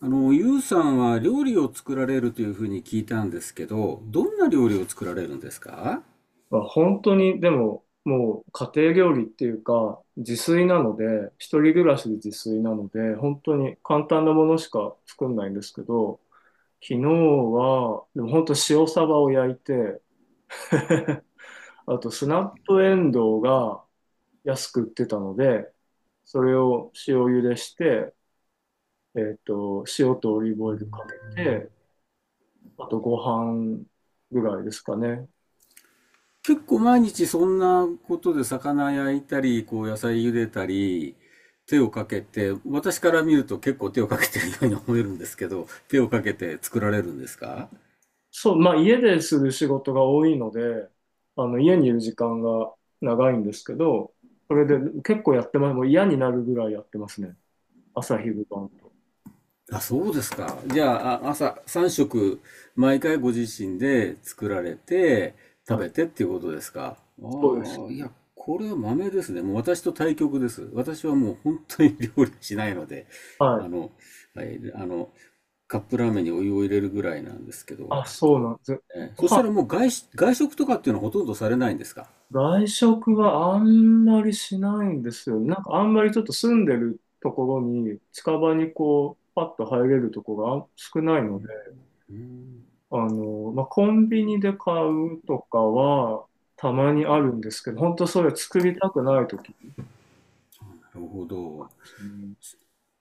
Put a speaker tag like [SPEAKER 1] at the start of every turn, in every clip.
[SPEAKER 1] ゆうさんは料理を作られるというふうに聞いたんですけど、どんな料理を作られるんですか？
[SPEAKER 2] まあ本当に、でも、もう家庭料理っていうか、自炊なので、一人暮らしで自炊なので、本当に簡単なものしか作んないんですけど、昨日は、でも本当塩サバを焼いて、あとスナップエンドウが安く売ってたので、それを塩茹でして、塩とオリーブオイルかけて、あとご飯ぐらいですかね。
[SPEAKER 1] 結構毎日そんなことで魚焼いたり、こう野菜茹でたり、手をかけて、私から見ると結構手をかけてるように思えるんですけど、手をかけて作られるんですか？
[SPEAKER 2] そう、まあ家でする仕事が多いので、家にいる時間が長いんですけど、それで結構やってます。もう嫌になるぐらいやってますね。朝昼晩。
[SPEAKER 1] あ、そうですか。じゃあ、朝3食、毎回ご自身で作られて、食
[SPEAKER 2] はい。
[SPEAKER 1] べてっていうことですか？あ
[SPEAKER 2] そうです。
[SPEAKER 1] あ、いや、これは豆ですね。もう私と対極です。私はもう本当に料理しないので、
[SPEAKER 2] は
[SPEAKER 1] あ
[SPEAKER 2] い。
[SPEAKER 1] の、はい、あの、カップラーメンにお湯を入れるぐらいなんですけど、
[SPEAKER 2] あ、そうなんです。ご
[SPEAKER 1] そし
[SPEAKER 2] 飯、
[SPEAKER 1] たらもう外食とかっていうのはほとんどされないんですか？
[SPEAKER 2] 外食はあんまりしないんですよ。なんかあんまりちょっと住んでるところに、近場にこう、パッと入れるとこが少ない
[SPEAKER 1] う
[SPEAKER 2] ので、
[SPEAKER 1] ん、うん、
[SPEAKER 2] まあ、コンビニで買うとかは、たまにあるんですけど、本当それ作りたくない時
[SPEAKER 1] なるほど。
[SPEAKER 2] うん、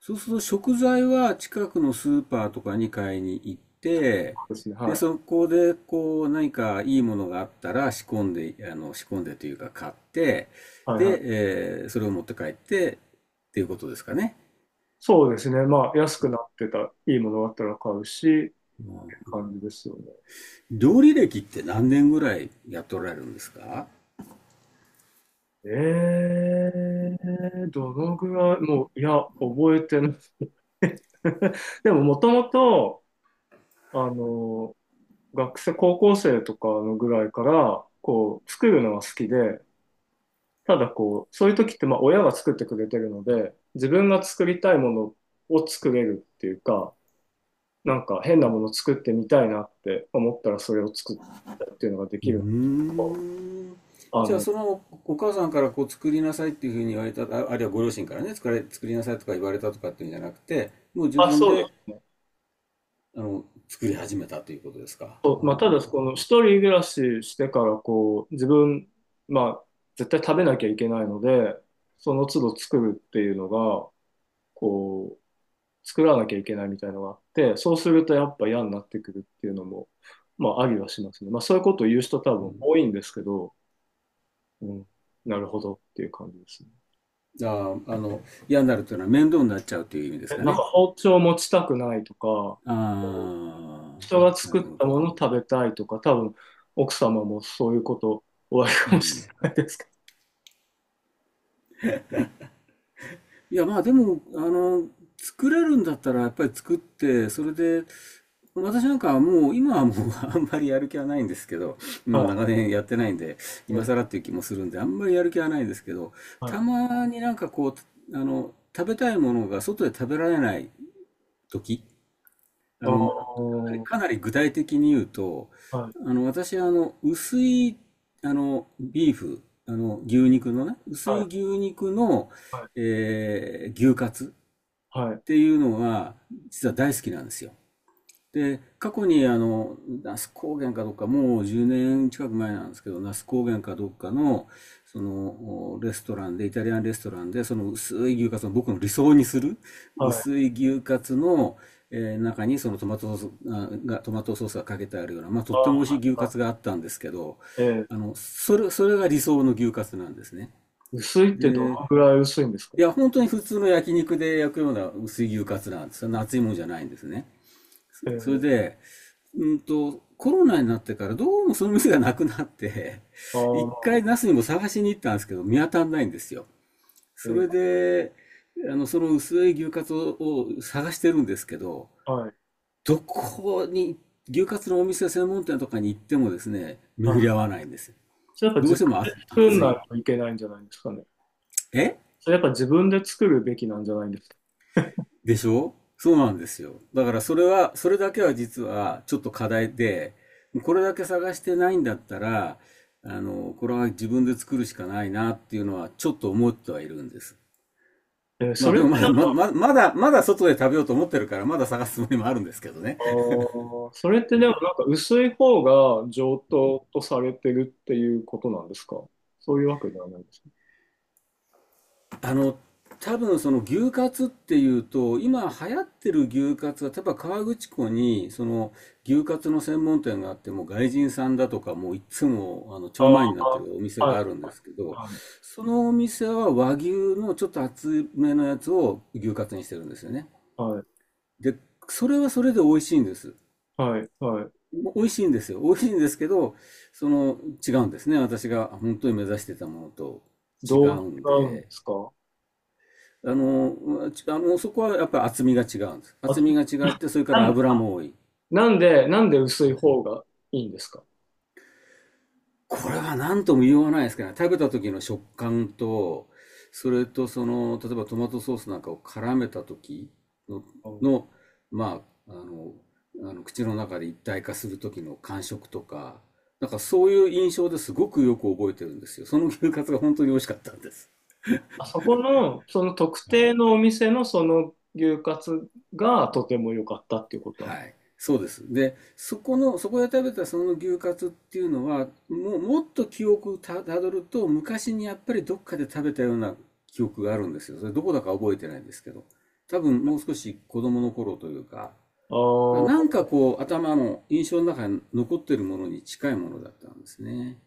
[SPEAKER 1] そうすると食材は近くのスーパーとかに買いに行って、
[SPEAKER 2] そうですね。
[SPEAKER 1] で、
[SPEAKER 2] は
[SPEAKER 1] そ
[SPEAKER 2] い。
[SPEAKER 1] こでこう何かいいものがあったら仕込んで、仕込んでというか買って、
[SPEAKER 2] はいは
[SPEAKER 1] で、
[SPEAKER 2] い。
[SPEAKER 1] それを持って帰ってっていうことですかね？
[SPEAKER 2] そうですね。まあ、安くなってた、いいものがあったら買うし、って
[SPEAKER 1] うん。
[SPEAKER 2] 感じですよね。
[SPEAKER 1] 料理歴って何年ぐらいやっておられるんですか？
[SPEAKER 2] ええどのぐらい、もう、いや、覚えてない。でも、もともと、あの、学生、高校生とかのぐらいから、こう、作るのが好きで、ただこう、そういう時って、まあ、親が作ってくれてるので、自分が作りたいものを作れるっていうか、なんか変なもの作ってみたいなって思ったらそれを作ったっていうのがで
[SPEAKER 1] う
[SPEAKER 2] きるの
[SPEAKER 1] ーん。
[SPEAKER 2] あ
[SPEAKER 1] じゃあ
[SPEAKER 2] の、
[SPEAKER 1] そのお母さんからこう作りなさいっていうふうに言われた、あ、あるいはご両親からね、作れ、作りなさいとか言われたとかっていうんじゃなくて、もう自
[SPEAKER 2] あ、
[SPEAKER 1] 分
[SPEAKER 2] そうで
[SPEAKER 1] で
[SPEAKER 2] すね。
[SPEAKER 1] 作り始めたということですか？
[SPEAKER 2] そ
[SPEAKER 1] あ
[SPEAKER 2] うまあ、ただ、この
[SPEAKER 1] あ、
[SPEAKER 2] 一人暮らししてからこう、自分、まあ、絶対食べなきゃいけないので、その都度作るっていうのが、こう、作らなきゃいけないみたいなのがあって、そうするとやっぱ嫌になってくるっていうのも、まあ、ありはしますね。まあ、そういうことを言う人多
[SPEAKER 1] う
[SPEAKER 2] 分
[SPEAKER 1] ん。
[SPEAKER 2] 多いんですけど、うん、なるほどっていう感じですね。
[SPEAKER 1] ああ、嫌になるというのは面倒になっちゃうという意味です
[SPEAKER 2] え、
[SPEAKER 1] か
[SPEAKER 2] なんか
[SPEAKER 1] ね？
[SPEAKER 2] 包丁持ちたくないとか、
[SPEAKER 1] ああ、
[SPEAKER 2] 人が
[SPEAKER 1] な
[SPEAKER 2] 作
[SPEAKER 1] る
[SPEAKER 2] っ
[SPEAKER 1] ほ
[SPEAKER 2] たも
[SPEAKER 1] ど。
[SPEAKER 2] の食べたいとか、多分奥様もそういうことおあり
[SPEAKER 1] う
[SPEAKER 2] かもしれ
[SPEAKER 1] ん。
[SPEAKER 2] ないですけ
[SPEAKER 1] いや、まあでも、作れるんだったらやっぱり作って、それで、私なんかはもう、今はもう あんまりやる気はないんですけど、
[SPEAKER 2] ど。
[SPEAKER 1] もう
[SPEAKER 2] は
[SPEAKER 1] 長年やってないんで、
[SPEAKER 2] い、は
[SPEAKER 1] 今
[SPEAKER 2] い、
[SPEAKER 1] 更っていう気もするんで、あんまりやる気はないんですけど、たまになんかこう、食べたいものが外で食べられない時、あ
[SPEAKER 2] ああ、
[SPEAKER 1] の、
[SPEAKER 2] は
[SPEAKER 1] かなり具体的に言うと、
[SPEAKER 2] い、
[SPEAKER 1] 私は薄い、ビーフ、牛肉のね、薄
[SPEAKER 2] は
[SPEAKER 1] い牛
[SPEAKER 2] い、
[SPEAKER 1] 肉の、
[SPEAKER 2] はい、
[SPEAKER 1] 牛カツ
[SPEAKER 2] はい、
[SPEAKER 1] っていうのが、実は大好きなんですよ。で、過去に那須高原かどっか、もう10年近く前なんですけど、那須高原かどっかの、その、レストランで、イタリアンレストランで、その薄い牛カツの、僕の理想にする、
[SPEAKER 2] はい。
[SPEAKER 1] 薄い牛カツの、中にそのトマトソースが、かけてあるような、まあ、と
[SPEAKER 2] あ
[SPEAKER 1] っても美味しい
[SPEAKER 2] あ、
[SPEAKER 1] 牛カツがあったんですけど、
[SPEAKER 2] えー
[SPEAKER 1] それが理想の牛カツなんですね。
[SPEAKER 2] 薄いってどの
[SPEAKER 1] で、
[SPEAKER 2] ぐらい薄いんですか？
[SPEAKER 1] いや、本当に普通の焼肉で焼くような薄い牛カツなんですよ。熱いもんじゃないんですね。それ
[SPEAKER 2] ええ
[SPEAKER 1] で、コロナになってからどうもその店がなくなって、
[SPEAKER 2] あ あ、
[SPEAKER 1] 一
[SPEAKER 2] まあ、
[SPEAKER 1] 回ナスにも探しに行ったんですけど、見当たんないんですよ。そ
[SPEAKER 2] え
[SPEAKER 1] れ
[SPEAKER 2] え
[SPEAKER 1] で、その薄い牛カツを探してるんですけど、
[SPEAKER 2] はい、
[SPEAKER 1] どこに、牛カツのお店専門店とかに行ってもですね、
[SPEAKER 2] は
[SPEAKER 1] 巡り
[SPEAKER 2] い。
[SPEAKER 1] 合わないんです。
[SPEAKER 2] それやっぱ
[SPEAKER 1] ど
[SPEAKER 2] 自
[SPEAKER 1] う
[SPEAKER 2] 分
[SPEAKER 1] しても、あ、
[SPEAKER 2] で作ん
[SPEAKER 1] 暑
[SPEAKER 2] な
[SPEAKER 1] い。
[SPEAKER 2] いといけないんじゃないですかね。
[SPEAKER 1] え
[SPEAKER 2] それやっぱ自分で作るべきなんじゃないんですか。
[SPEAKER 1] でしょ、そうなんですよ。だからそれは、それだけは実はちょっと課題で、これだけ探してないんだったら、これは自分で作るしかないなっていうのはちょっと思ってはいるんです。
[SPEAKER 2] ええ
[SPEAKER 1] ま
[SPEAKER 2] そ
[SPEAKER 1] あで
[SPEAKER 2] れっ
[SPEAKER 1] もま
[SPEAKER 2] て
[SPEAKER 1] だ、
[SPEAKER 2] なん
[SPEAKER 1] ま
[SPEAKER 2] か、
[SPEAKER 1] だまだ、まだ外で食べようと思ってるから、まだ探すつもりもあるんですけどね。
[SPEAKER 2] あーそれってでもなんか薄い方が上等とされてるっていうことなんですか？そういうわけではないですか？
[SPEAKER 1] あの、多分その牛カツっていうと、今流行ってる牛カツは、例えば河口湖に、その牛カツの専門店があって、もう外人さんだとか、もういつも、超
[SPEAKER 2] あ
[SPEAKER 1] 前になってるお店
[SPEAKER 2] あは
[SPEAKER 1] があるんですけど、
[SPEAKER 2] い、
[SPEAKER 1] そのお店は和牛のちょっと厚めのやつを牛カツにしてるんですよね。
[SPEAKER 2] はい、
[SPEAKER 1] で、それはそれで美味しいんです。
[SPEAKER 2] はい、はい。はい
[SPEAKER 1] 美味しいんですよ。美味しいんですけど、その、違うんですね。私が本当に目指してたものと違
[SPEAKER 2] どう
[SPEAKER 1] うん
[SPEAKER 2] 違うんで
[SPEAKER 1] で。
[SPEAKER 2] すか？
[SPEAKER 1] うち、そこはやっぱり厚みが違うんです。
[SPEAKER 2] あ、
[SPEAKER 1] 厚みが違って、それか
[SPEAKER 2] な
[SPEAKER 1] ら
[SPEAKER 2] ん
[SPEAKER 1] 油も多い。
[SPEAKER 2] なんで薄い方がいいんですか？
[SPEAKER 1] これは何とも言わないですけどね。食べた時の食感と、それとその、例えばトマトソースなんかを絡めた時の、
[SPEAKER 2] うん
[SPEAKER 1] の、まあ、口の中で一体化する時の感触とか、なんかそういう印象ですごくよく覚えてるんですよ。その牛カツが本当に美味しかったんです。
[SPEAKER 2] あそこの、その特
[SPEAKER 1] はい。
[SPEAKER 2] 定のお店のその牛カツがとても良かったっていうことなんで
[SPEAKER 1] はい、
[SPEAKER 2] す。
[SPEAKER 1] そうです。で、そこで食べたその牛カツっていうのは、もうもっと記憶をたどると、昔にやっぱりどっかで食べたような記憶があるんですよ。それどこだか覚えてないんですけど、多分もう少し子供の頃というか、
[SPEAKER 2] あ
[SPEAKER 1] だからなんか
[SPEAKER 2] ー
[SPEAKER 1] こう頭の印象の中に残ってるものに近いものだったんですね。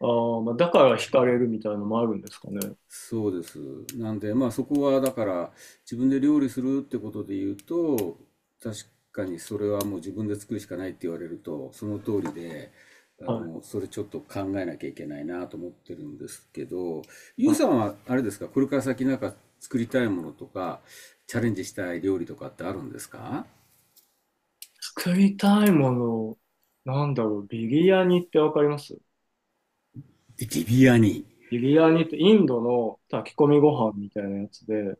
[SPEAKER 2] あー、まあ、だから惹かれるみたいなのもあるんですかね。
[SPEAKER 1] そうです。なんで、まあそこはだから自分で料理するってことで言うと、確かにそれはもう自分で作るしかないって言われると、その通りで、
[SPEAKER 2] はい。
[SPEAKER 1] それちょっと考えなきゃいけないなと思ってるんですけど、ゆうさんはあれですか、これから先なんか作りたいものとか、チャレンジしたい料理とかってあるんですか？
[SPEAKER 2] 作りたいもの、なんだろう、ビリヤニってわかります？
[SPEAKER 1] ビビアニ。
[SPEAKER 2] ビリヤニってインドの炊き込みご飯みたいなやつで、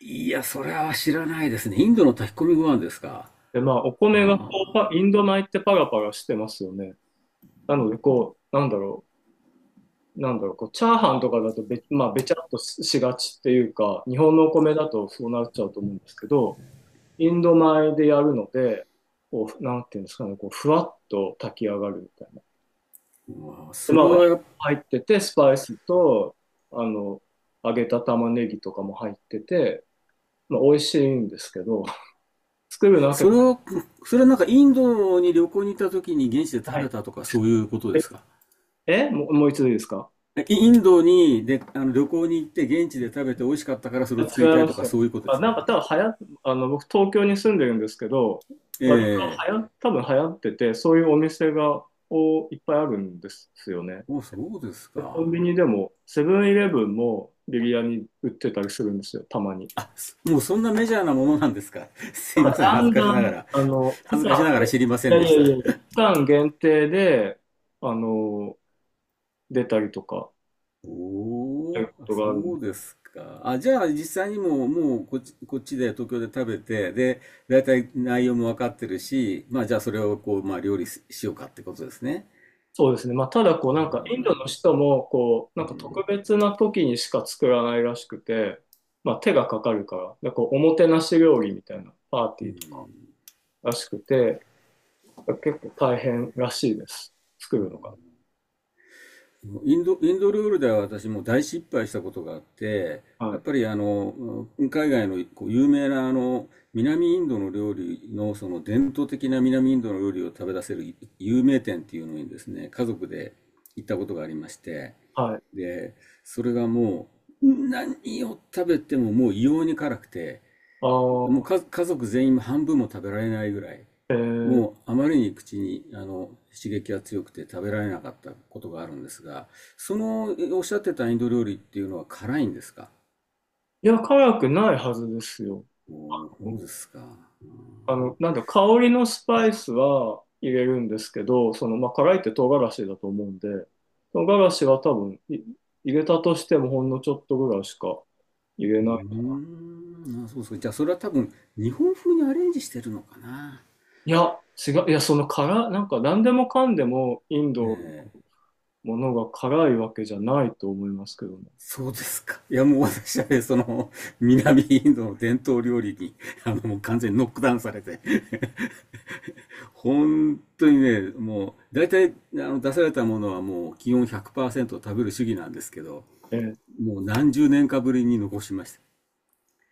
[SPEAKER 1] いや、それは知らないですね。インドの炊き込みご飯ですか。
[SPEAKER 2] で、まあ、お
[SPEAKER 1] あ
[SPEAKER 2] 米がこう、
[SPEAKER 1] あ、
[SPEAKER 2] パインド米ってパラパラしてますよね。なので、こう、なんだろう、こう、チャーハンとかだとべ、まあ、べちゃっとししがちっていうか、日本のお米だとそうなっちゃうと思うんですけど、インド米でやるので、こう、なんていうんですかね、こう、ふわっと炊き上がるみたいな。
[SPEAKER 1] うわ、
[SPEAKER 2] で、
[SPEAKER 1] そ
[SPEAKER 2] まあ、
[SPEAKER 1] れ
[SPEAKER 2] お肉
[SPEAKER 1] はやっ
[SPEAKER 2] 入ってて、スパイスと、あの、揚げた玉ねぎとかも入ってて、まあ、美味しいんですけど、作るのは結
[SPEAKER 1] それ
[SPEAKER 2] 構
[SPEAKER 1] は、それはなんかインドに旅行に行った時に現地で
[SPEAKER 2] な
[SPEAKER 1] 食べ
[SPEAKER 2] い。
[SPEAKER 1] たとかそういうことで
[SPEAKER 2] え、
[SPEAKER 1] すか？
[SPEAKER 2] えもう、もう一度いいですか？
[SPEAKER 1] インドにで、旅行に行って現地で食べて美味しかったからそれ
[SPEAKER 2] 違
[SPEAKER 1] を作りたい
[SPEAKER 2] いま
[SPEAKER 1] と
[SPEAKER 2] す
[SPEAKER 1] か
[SPEAKER 2] よ。
[SPEAKER 1] そういうことで
[SPEAKER 2] あ、
[SPEAKER 1] すか？
[SPEAKER 2] なんか多分流行っ、僕東京に住んでるんですけど、割
[SPEAKER 1] え
[SPEAKER 2] と流行、多分流行ってて、そういうお店が、おいっぱいあるんですよね。
[SPEAKER 1] えーお、そうです
[SPEAKER 2] コン
[SPEAKER 1] か。
[SPEAKER 2] ビニでも、セブンイレブンもビリヤニ売ってたりするんですよ、たまに。
[SPEAKER 1] あ、もうそんなメジャーなものなんですか？ すい
[SPEAKER 2] なん
[SPEAKER 1] ま
[SPEAKER 2] か
[SPEAKER 1] せん。
[SPEAKER 2] だ
[SPEAKER 1] 恥ず
[SPEAKER 2] んだ
[SPEAKER 1] かしなが
[SPEAKER 2] ん、
[SPEAKER 1] ら。
[SPEAKER 2] 期
[SPEAKER 1] 恥ずかし
[SPEAKER 2] 間、
[SPEAKER 1] ながら知りませ
[SPEAKER 2] い
[SPEAKER 1] ん
[SPEAKER 2] やい
[SPEAKER 1] で
[SPEAKER 2] や
[SPEAKER 1] し
[SPEAKER 2] い
[SPEAKER 1] た。
[SPEAKER 2] やいや、期間限定で、あの、出たりとか、とい
[SPEAKER 1] お
[SPEAKER 2] うこ
[SPEAKER 1] ー、あ、
[SPEAKER 2] とがあるんで。
[SPEAKER 1] そうですか。あ、じゃあ実際にもうこっちで東京で食べて、で、だいたい内容も分かってるし、まあじゃあそれをこう、まあ料理しようかってことですね。
[SPEAKER 2] そうですね。まあ、ただ、こう、
[SPEAKER 1] う
[SPEAKER 2] なんか、インドの
[SPEAKER 1] ん。
[SPEAKER 2] 人も、こう、な
[SPEAKER 1] う
[SPEAKER 2] んか特
[SPEAKER 1] ん。
[SPEAKER 2] 別な時にしか作らないらしくて、まあ、手がかかるから、で、こう、おもてなし料理みたいなパーティーとからしくて、結構大変らしいです。作るのが。
[SPEAKER 1] インドルールでは私も大失敗したことがあって、
[SPEAKER 2] は
[SPEAKER 1] やっ
[SPEAKER 2] い。
[SPEAKER 1] ぱり海外のこう有名な南インドの料理のその伝統的な南インドの料理を食べ出せる有名店っていうのにですね、家族で行ったことがありまして、
[SPEAKER 2] はい。
[SPEAKER 1] で、それがもう、何を食べてももう異様に辛くて、
[SPEAKER 2] あ
[SPEAKER 1] もう
[SPEAKER 2] あ、
[SPEAKER 1] か家族全員半分も食べられないぐらい、
[SPEAKER 2] えー、
[SPEAKER 1] もうあまりに口に刺激が強くて食べられなかったことがあるんですが、そのおっしゃってたインド料理っていうのは辛いんですか？
[SPEAKER 2] いや、辛くないはずですよ。
[SPEAKER 1] おー、そうですか。
[SPEAKER 2] あの、なんだ、香りのスパイスは入れるんですけど、その、まあ、辛いって唐辛子だと思うんで、唐辛子は多分い入れたとしてもほんのちょっとぐらいしか入れ
[SPEAKER 1] う
[SPEAKER 2] ない。
[SPEAKER 1] ーん、あ、そうそう。じゃあそれは多分日本風にアレンジしてるのかな。
[SPEAKER 2] いや、違う、いや、その辛、なんか何でもかんでもイン
[SPEAKER 1] え
[SPEAKER 2] ドの
[SPEAKER 1] ー
[SPEAKER 2] ものが辛いわけじゃないと思いますけどね。
[SPEAKER 1] そうですか。いやもう私はね、その南インドの伝統料理にもう完全にノックダウンされて。本当にね、もう、大体、出されたものはもう、基本100%食べる主義なんですけど、
[SPEAKER 2] え
[SPEAKER 1] もう何十年かぶりに残しました。